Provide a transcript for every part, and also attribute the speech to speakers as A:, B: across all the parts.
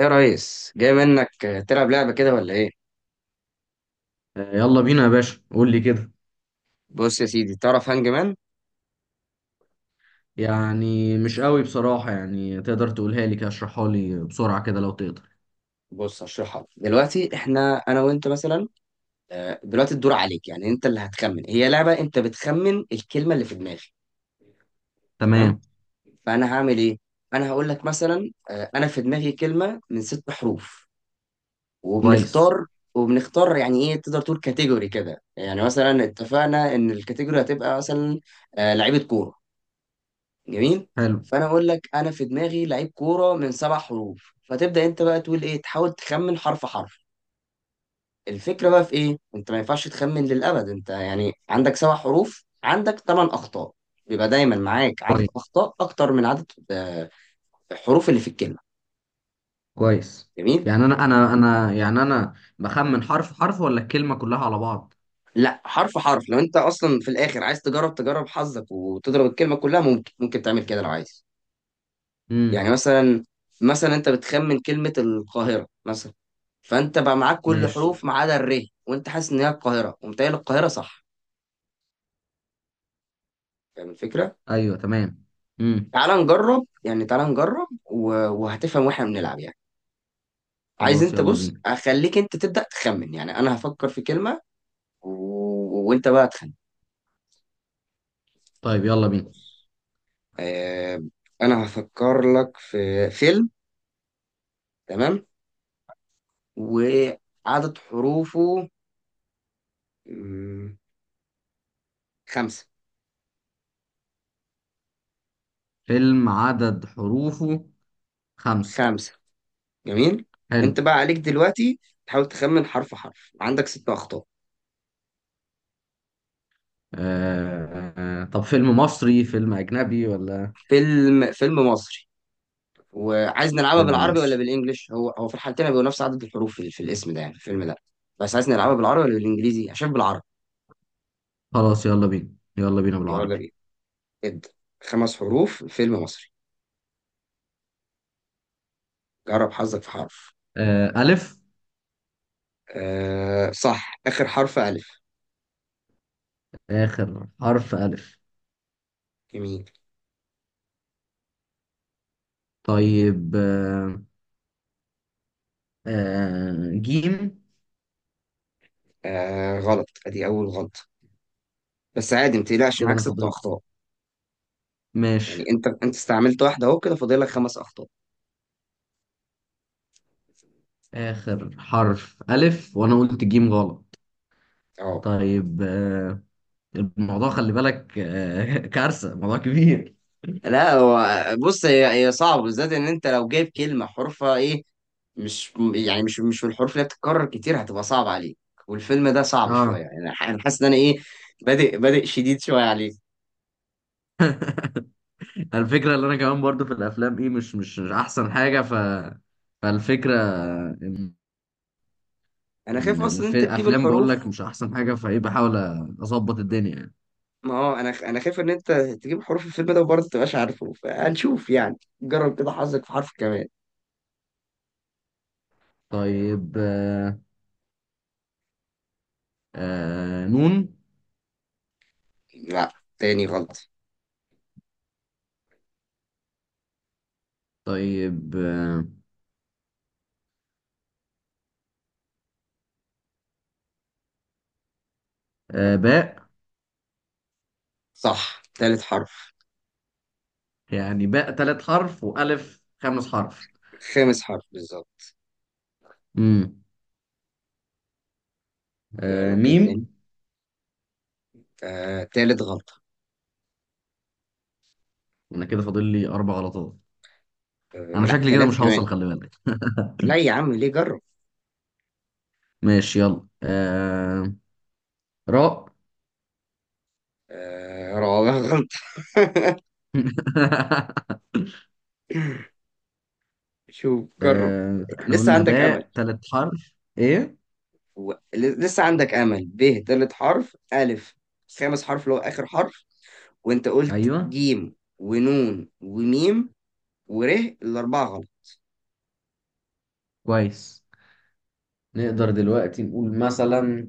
A: يا ريس جاي منك تلعب لعبة كده ولا ايه؟
B: آه، يلا بينا يا باشا قول لي كده.
A: بص يا سيدي، تعرف هانج مان؟
B: يعني مش قوي بصراحة، يعني تقدر تقولها لي كده، اشرحها لي بسرعة كده لو تقدر.
A: بص هشرحها لك. دلوقتي احنا انا وانت مثلا، دلوقتي الدور عليك، يعني انت اللي هتخمن. هي لعبة انت بتخمن الكلمة اللي في دماغي. تمام؟
B: تمام.
A: فانا هعمل ايه؟ انا هقول لك مثلا، انا في دماغي كلمة من ست حروف.
B: كويس.
A: وبنختار وبنختار يعني ايه، تقدر تقول كاتيجوري كده. يعني مثلا اتفقنا ان الكاتيجوري هتبقى مثلا لعيبة كورة، جميل.
B: حلو.
A: فانا اقول لك انا في دماغي لعيب كوره من سبع حروف، فتبدا انت بقى تقول ايه، تحاول تخمن حرف حرف. الفكره بقى في ايه، انت ما ينفعش تخمن للابد، انت يعني عندك سبع حروف عندك ثمان اخطاء. بيبقى دايما معاك عدد
B: كويس.
A: اخطاء اكتر من عدد الحروف اللي في الكلمه.
B: كويس.
A: جميل.
B: يعني انا بخمن حرف حرف ولا الكلمة كلها على بعض؟
A: لا حرف حرف، لو انت اصلا في الاخر عايز تجرب حظك وتضرب الكلمه كلها، ممكن تعمل كده لو عايز.
B: امم.
A: يعني مثلا انت بتخمن كلمة القاهرة مثلا. فانت بقى معاك كل
B: ماشي.
A: حروف ما عدا الر، وانت حاسس ان هي القاهرة ومتهيألي القاهرة صح. فاهم الفكرة؟
B: ايوه، تمام. امم.
A: تعال نجرب يعني، تعال نجرب وهتفهم واحنا بنلعب يعني. عايز
B: خلاص،
A: انت،
B: يلا
A: بص
B: بينا.
A: اخليك انت تبدأ تخمن، يعني انا هفكر في كلمة و... وانت بقى تخمن.
B: طيب يلا بينا.
A: آه... انا هفكر لك في فيلم. تمام، وعدد حروفه مم، خمسة.
B: فيلم عدد حروفه خمسة.
A: خمسة، جميل.
B: حلو.
A: انت بقى عليك دلوقتي تحاول تخمن حرف حرف، عندك ست اخطاء.
B: طب فيلم مصري فيلم أجنبي ولا؟
A: فيلم مصري. وعايز نلعبها
B: فيلم
A: بالعربي ولا
B: مصري.
A: بالانجلش؟ هو هو في الحالتين بيبقوا نفس عدد الحروف في الاسم ده، يعني في الفيلم ده. بس عايز نلعبها بالعربي ولا بالانجليزي؟ عشان بالعربي.
B: خلاص يلا بينا، يلا بينا
A: يلا
B: بالعربي.
A: بينا، ابدا. خمس حروف فيلم مصري، جرب حظك في حرف.
B: ألف.
A: آه صح، اخر حرف الف.
B: آخر حرف ألف.
A: جميل.
B: طيب. جيم.
A: آه غلط، ادي اول غلطه، بس عادي ما تقلقش،
B: كده
A: معاك
B: أنا
A: ست
B: فاضل.
A: اخطاء.
B: ماشي.
A: يعني انت استعملت واحده، اهو كده فاضل لك خمس اخطاء.
B: آخر حرف ألف وأنا قلت جيم غلط.
A: اه.
B: طيب. الموضوع خلي بالك كارثة، موضوع كبير.
A: لا هو، بص، هي صعب، بالذات ان انت لو جايب كلمه حروفها ايه، مش يعني مش مش من الحروف اللي بتتكرر كتير، هتبقى صعب عليك. والفيلم ده صعب شويه
B: اه.
A: يعني. انا أنا حاسس ان انا ايه، بادئ شديد شويه عليك.
B: الفكرة اللي أنا كمان برضو في الأفلام إيه، مش أحسن حاجة، فالفكرة إن
A: انا خايف
B: إن
A: اصلا ان انت تجيب
B: الأفلام، بقول
A: الحروف.
B: لك مش أحسن حاجة فإيه، بحاول أظبط الدنيا.
A: ما هو انا انا خايف ان انت تجيب حروف الفيلم ده وبرضه تبقاش عارف حروف، هنشوف يعني. جرب كده حظك في حرف كمان.
B: طيب. نون.
A: لا، تاني غلط.
B: طيب. باء.
A: صح، تالت حرف.
B: يعني باء ثلاث حرف وألف خمس حرف.
A: خامس حرف بالظبط.
B: مم.
A: جرب كده تاني.
B: ميم.
A: آه، تالت غلطه.
B: أنا كده فاضل لي أربع غلطات.
A: آه
B: أنا
A: لا،
B: شكلي كده
A: تلاته
B: مش
A: كمان.
B: هوصل، خلي بالك.
A: لا يا عم ليه، جرب.
B: ماشي يلا. راء.
A: آه، رابع غلط. شوف، جرب،
B: احنا
A: لسه
B: قلنا
A: عندك امل.
B: باء ثلاث حرف. إيه.
A: ب تالت حرف، الف خامس حرف اللي هو اخر حرف، وانت قلت
B: أيوه.
A: جيم ونون وميم وره، الاربعه غلط.
B: كويس. نقدر دلوقتي نقول مثلا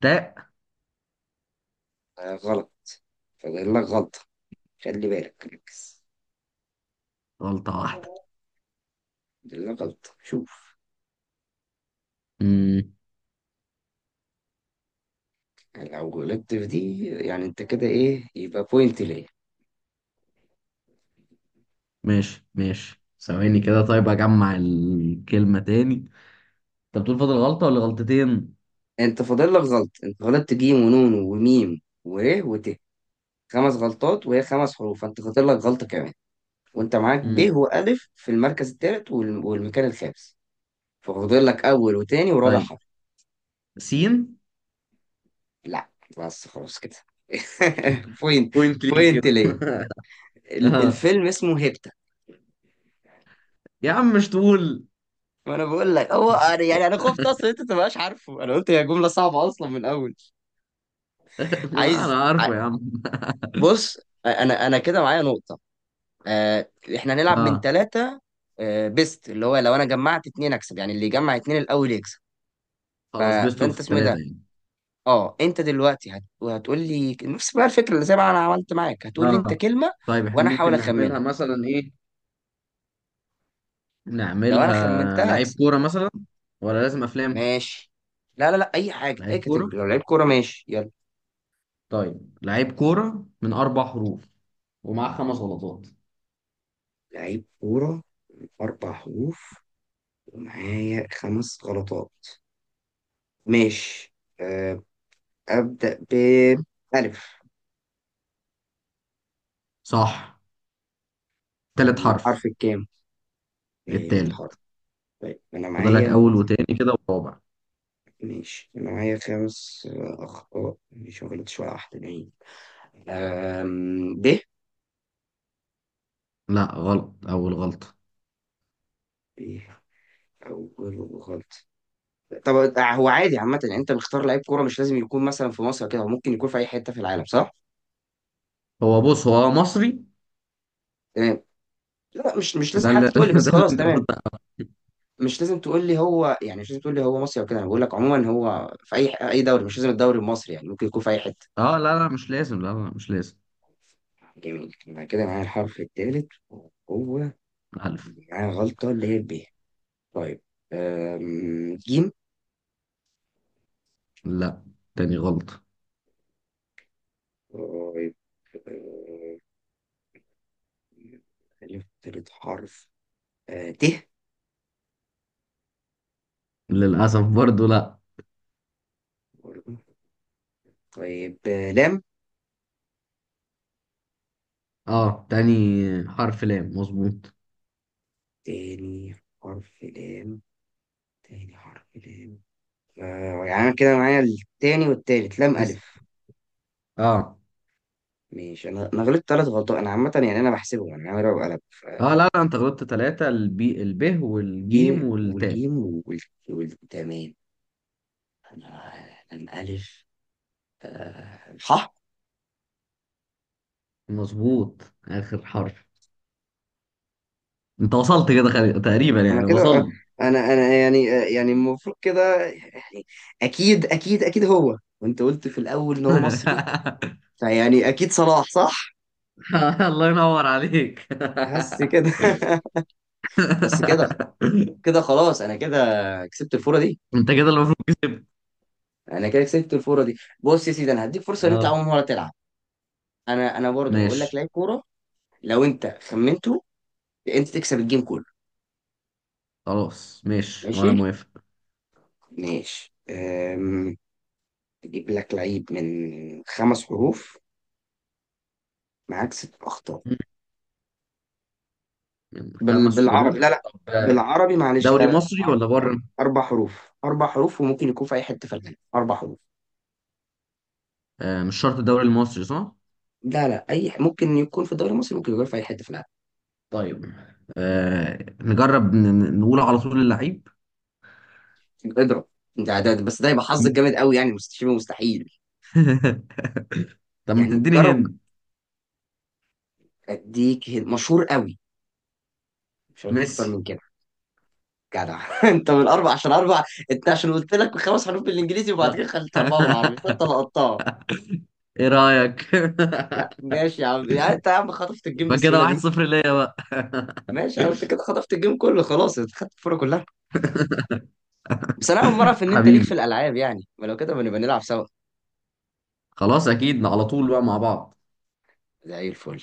B: تاء.
A: آه غلط، فاضل لك غلطه، خلي بالك ركز.
B: غلطة واحدة.
A: فاضل لك غلطه، شوف.
B: مم.
A: لو غلطت في دي يعني انت كده ايه، يبقى بوينت ليه.
B: ماشي ماشي، ثواني كده. طيب اجمع الكلمة تاني، انت بتقول فاضل غلطة ولا غلطتين؟
A: انت فاضل لك غلط، انت غلطت جيم ونون وميم وره وت، خمس غلطات وهي خمس حروف، فانت خاطر لك غلطة كمان. وانت معاك ب
B: امم.
A: وألف في المركز الثالث والمكان الخامس. ففاضل لك أول وتاني ورابع
B: طيب،
A: حرف.
B: سين.
A: لا، بس خلاص كده. بوينت
B: بوينت ليك
A: بوينت
B: كده.
A: ليه.
B: اه
A: الفيلم اسمه هيبتا.
B: يا عم مش تقول؟
A: ما انا بقول لك، هو يعني انا خفت اصلا انت تبقاش عارفه، انا قلت هي جمله صعبه اصلا من الاول.
B: لا انا
A: عايز ع-
B: عارفه يا عم.
A: بص، انا كده معايا نقطه. آه، احنا هنلعب من
B: اه.
A: ثلاثه، بيست، اللي هو لو انا جمعت اتنين اكسب، يعني اللي يجمع اتنين الاول يكسب. ف...
B: خلاص، بيست
A: فانت
B: اوف
A: اسمه ايه
B: ثلاثة
A: ده.
B: يعني.
A: اه، انت دلوقتي هتقول لي نفس بقى الفكره اللي زي ما انا عملت معاك، هتقول لي انت
B: اه.
A: كلمه
B: طيب احنا
A: وانا احاول
B: ممكن نعملها
A: اخمنها،
B: مثلا ايه،
A: لو انا
B: نعملها
A: خمنتها
B: لعيب
A: هكسب.
B: كورة مثلا ولا لازم افلام؟
A: ماشي. لا لا لا، اي حاجه، اي
B: لعيب كورة.
A: كاتيجوري. لو لعيب كوره ماشي، يلا.
B: طيب لعيب كورة من اربع حروف، ومعاه خمس غلطات.
A: لعيب كوره، اربع حروف، ومعايا خمس غلطات. ماشي. أه، ابدا ب. الف.
B: صح. تالت
A: الحرف
B: حرف.
A: الكام؟ تالت
B: التالت.
A: حرف؟ طيب انا
B: فضلك
A: معايا.
B: اول وتاني كده ورابع.
A: ماشي، انا معايا خمس اخطاء، مش ما غلطتش ولا واحده باين. ب.
B: لا غلط، اول غلطه.
A: إيه؟ أول، غلط. طب، هو عادي عامة يعني، أنت بتختار لعيب كورة مش لازم يكون مثلا في مصر كده، هو ممكن يكون في أي حتة في العالم صح؟
B: هو بص، هو مصري.
A: تمام. لا مش لازم
B: ده اللي
A: حتى تقول لي،
B: ده
A: بس
B: اللي
A: خلاص
B: انت المفروض
A: تمام.
B: تعرفه.
A: مش لازم تقول لي هو يعني، مش لازم تقول لي هو مصري أو كده، أنا بقول لك عموما هو في أي دوري، مش لازم الدوري المصري، يعني ممكن يكون في أي حتة.
B: اه لا لا مش لازم، لا لا مش لازم.
A: جميل، يبقى كده معايا الحرف الثالث وهو،
B: الف.
A: معايا غلطة اللي هي ب. طيب، جيم.
B: لا، تاني غلطه.
A: طيب، أم، ألف تالت حرف. ت.
B: للاسف برضو لا.
A: طيب، لام.
B: اه، تاني حرف لام مظبوط،
A: تاني حرف لام تاني حرف لام. يعني أنا كده معايا التاني والتالت، لام
B: بس.
A: ألف،
B: اه.
A: ماشي. أنا غلطت تلات غلطات، أنا عامة يعني أنا بحسبهم، يعني أنا عامل وقلب.
B: اه لا لا انت غلطت ثلاثة، البي، الب
A: ب
B: والجيم والتاء.
A: والجيم تمام. أنا لام ألف، صح.
B: مظبوط. اخر حرف. انت وصلت كده، خلي تقريبا
A: أنا
B: يعني
A: كده
B: وصلت.
A: أنا يعني يعني المفروض كده يعني، أكيد أكيد أكيد هو. وأنت قلت في الأول إن هو مصري، فيعني أكيد صلاح صح؟
B: الله ينور عليك.
A: حاسس كده. بس كده. كده خلاص، انا كده كسبت الفوره دي
B: انت كده المفروض كسبت.
A: كسبت الفوره دي. بص يا سيدي انا هديك فرصه ان انت
B: اه.
A: اول مره تلعب. انا برضه هقول لك
B: ماشي،
A: لعيب كوره، لو انت خمنته انت تكسب الجيم كله.
B: خلاص ماشي وانا
A: ماشي،
B: موافق.
A: ماشي. اجيب لك لعيب من خمس حروف، معاك ست اخطاء.
B: من خمس
A: بالعربي، لا
B: حروف؟
A: لا
B: طب
A: بالعربي، معلش، لا
B: دوري
A: لا
B: مصري ولا
A: عربي.
B: بره؟
A: اربع حروف وممكن يكون في اي حته في العالم، اربع حروف.
B: آه مش شرط الدوري المصري، صح؟
A: لا لا، ممكن يكون في الدوري المصري ممكن يكون في اي حته في العالم.
B: طيب. آه نجرب، نقول على طول اللعيب.
A: اضرب. بس ده يبقى حظك جامد قوي يعني، شبه مستحيل.
B: طب ما
A: يعني
B: تديني
A: جرب.
B: هند.
A: اديك مشهور قوي، مش هقولك اكتر
B: ميسي.
A: من كده. جدع. انت من اربع عشان اربع، انت عشان قلت لك خمس حروف بالانجليزي وبعد
B: آه.
A: كده خليت اربعه بالعربي فانت لقطتها.
B: ايه رأيك؟
A: لا ماشي يا عم، يعني انت يا عم خطفت الجيم
B: يبقى كده
A: بالسهوله
B: واحد
A: دي.
B: صفر ليا بقى.
A: ماشي يا عم، انت كده خطفت الجيم كله، خلاص، انت خدت الفوره كلها. بس انا اول مره اعرف ان انت ليك
B: حبيبي.
A: في الالعاب يعني، ما لو كده بنبقى نلعب سوا.
B: خلاص اكيد على طول بقى مع بعض.
A: زي الفل.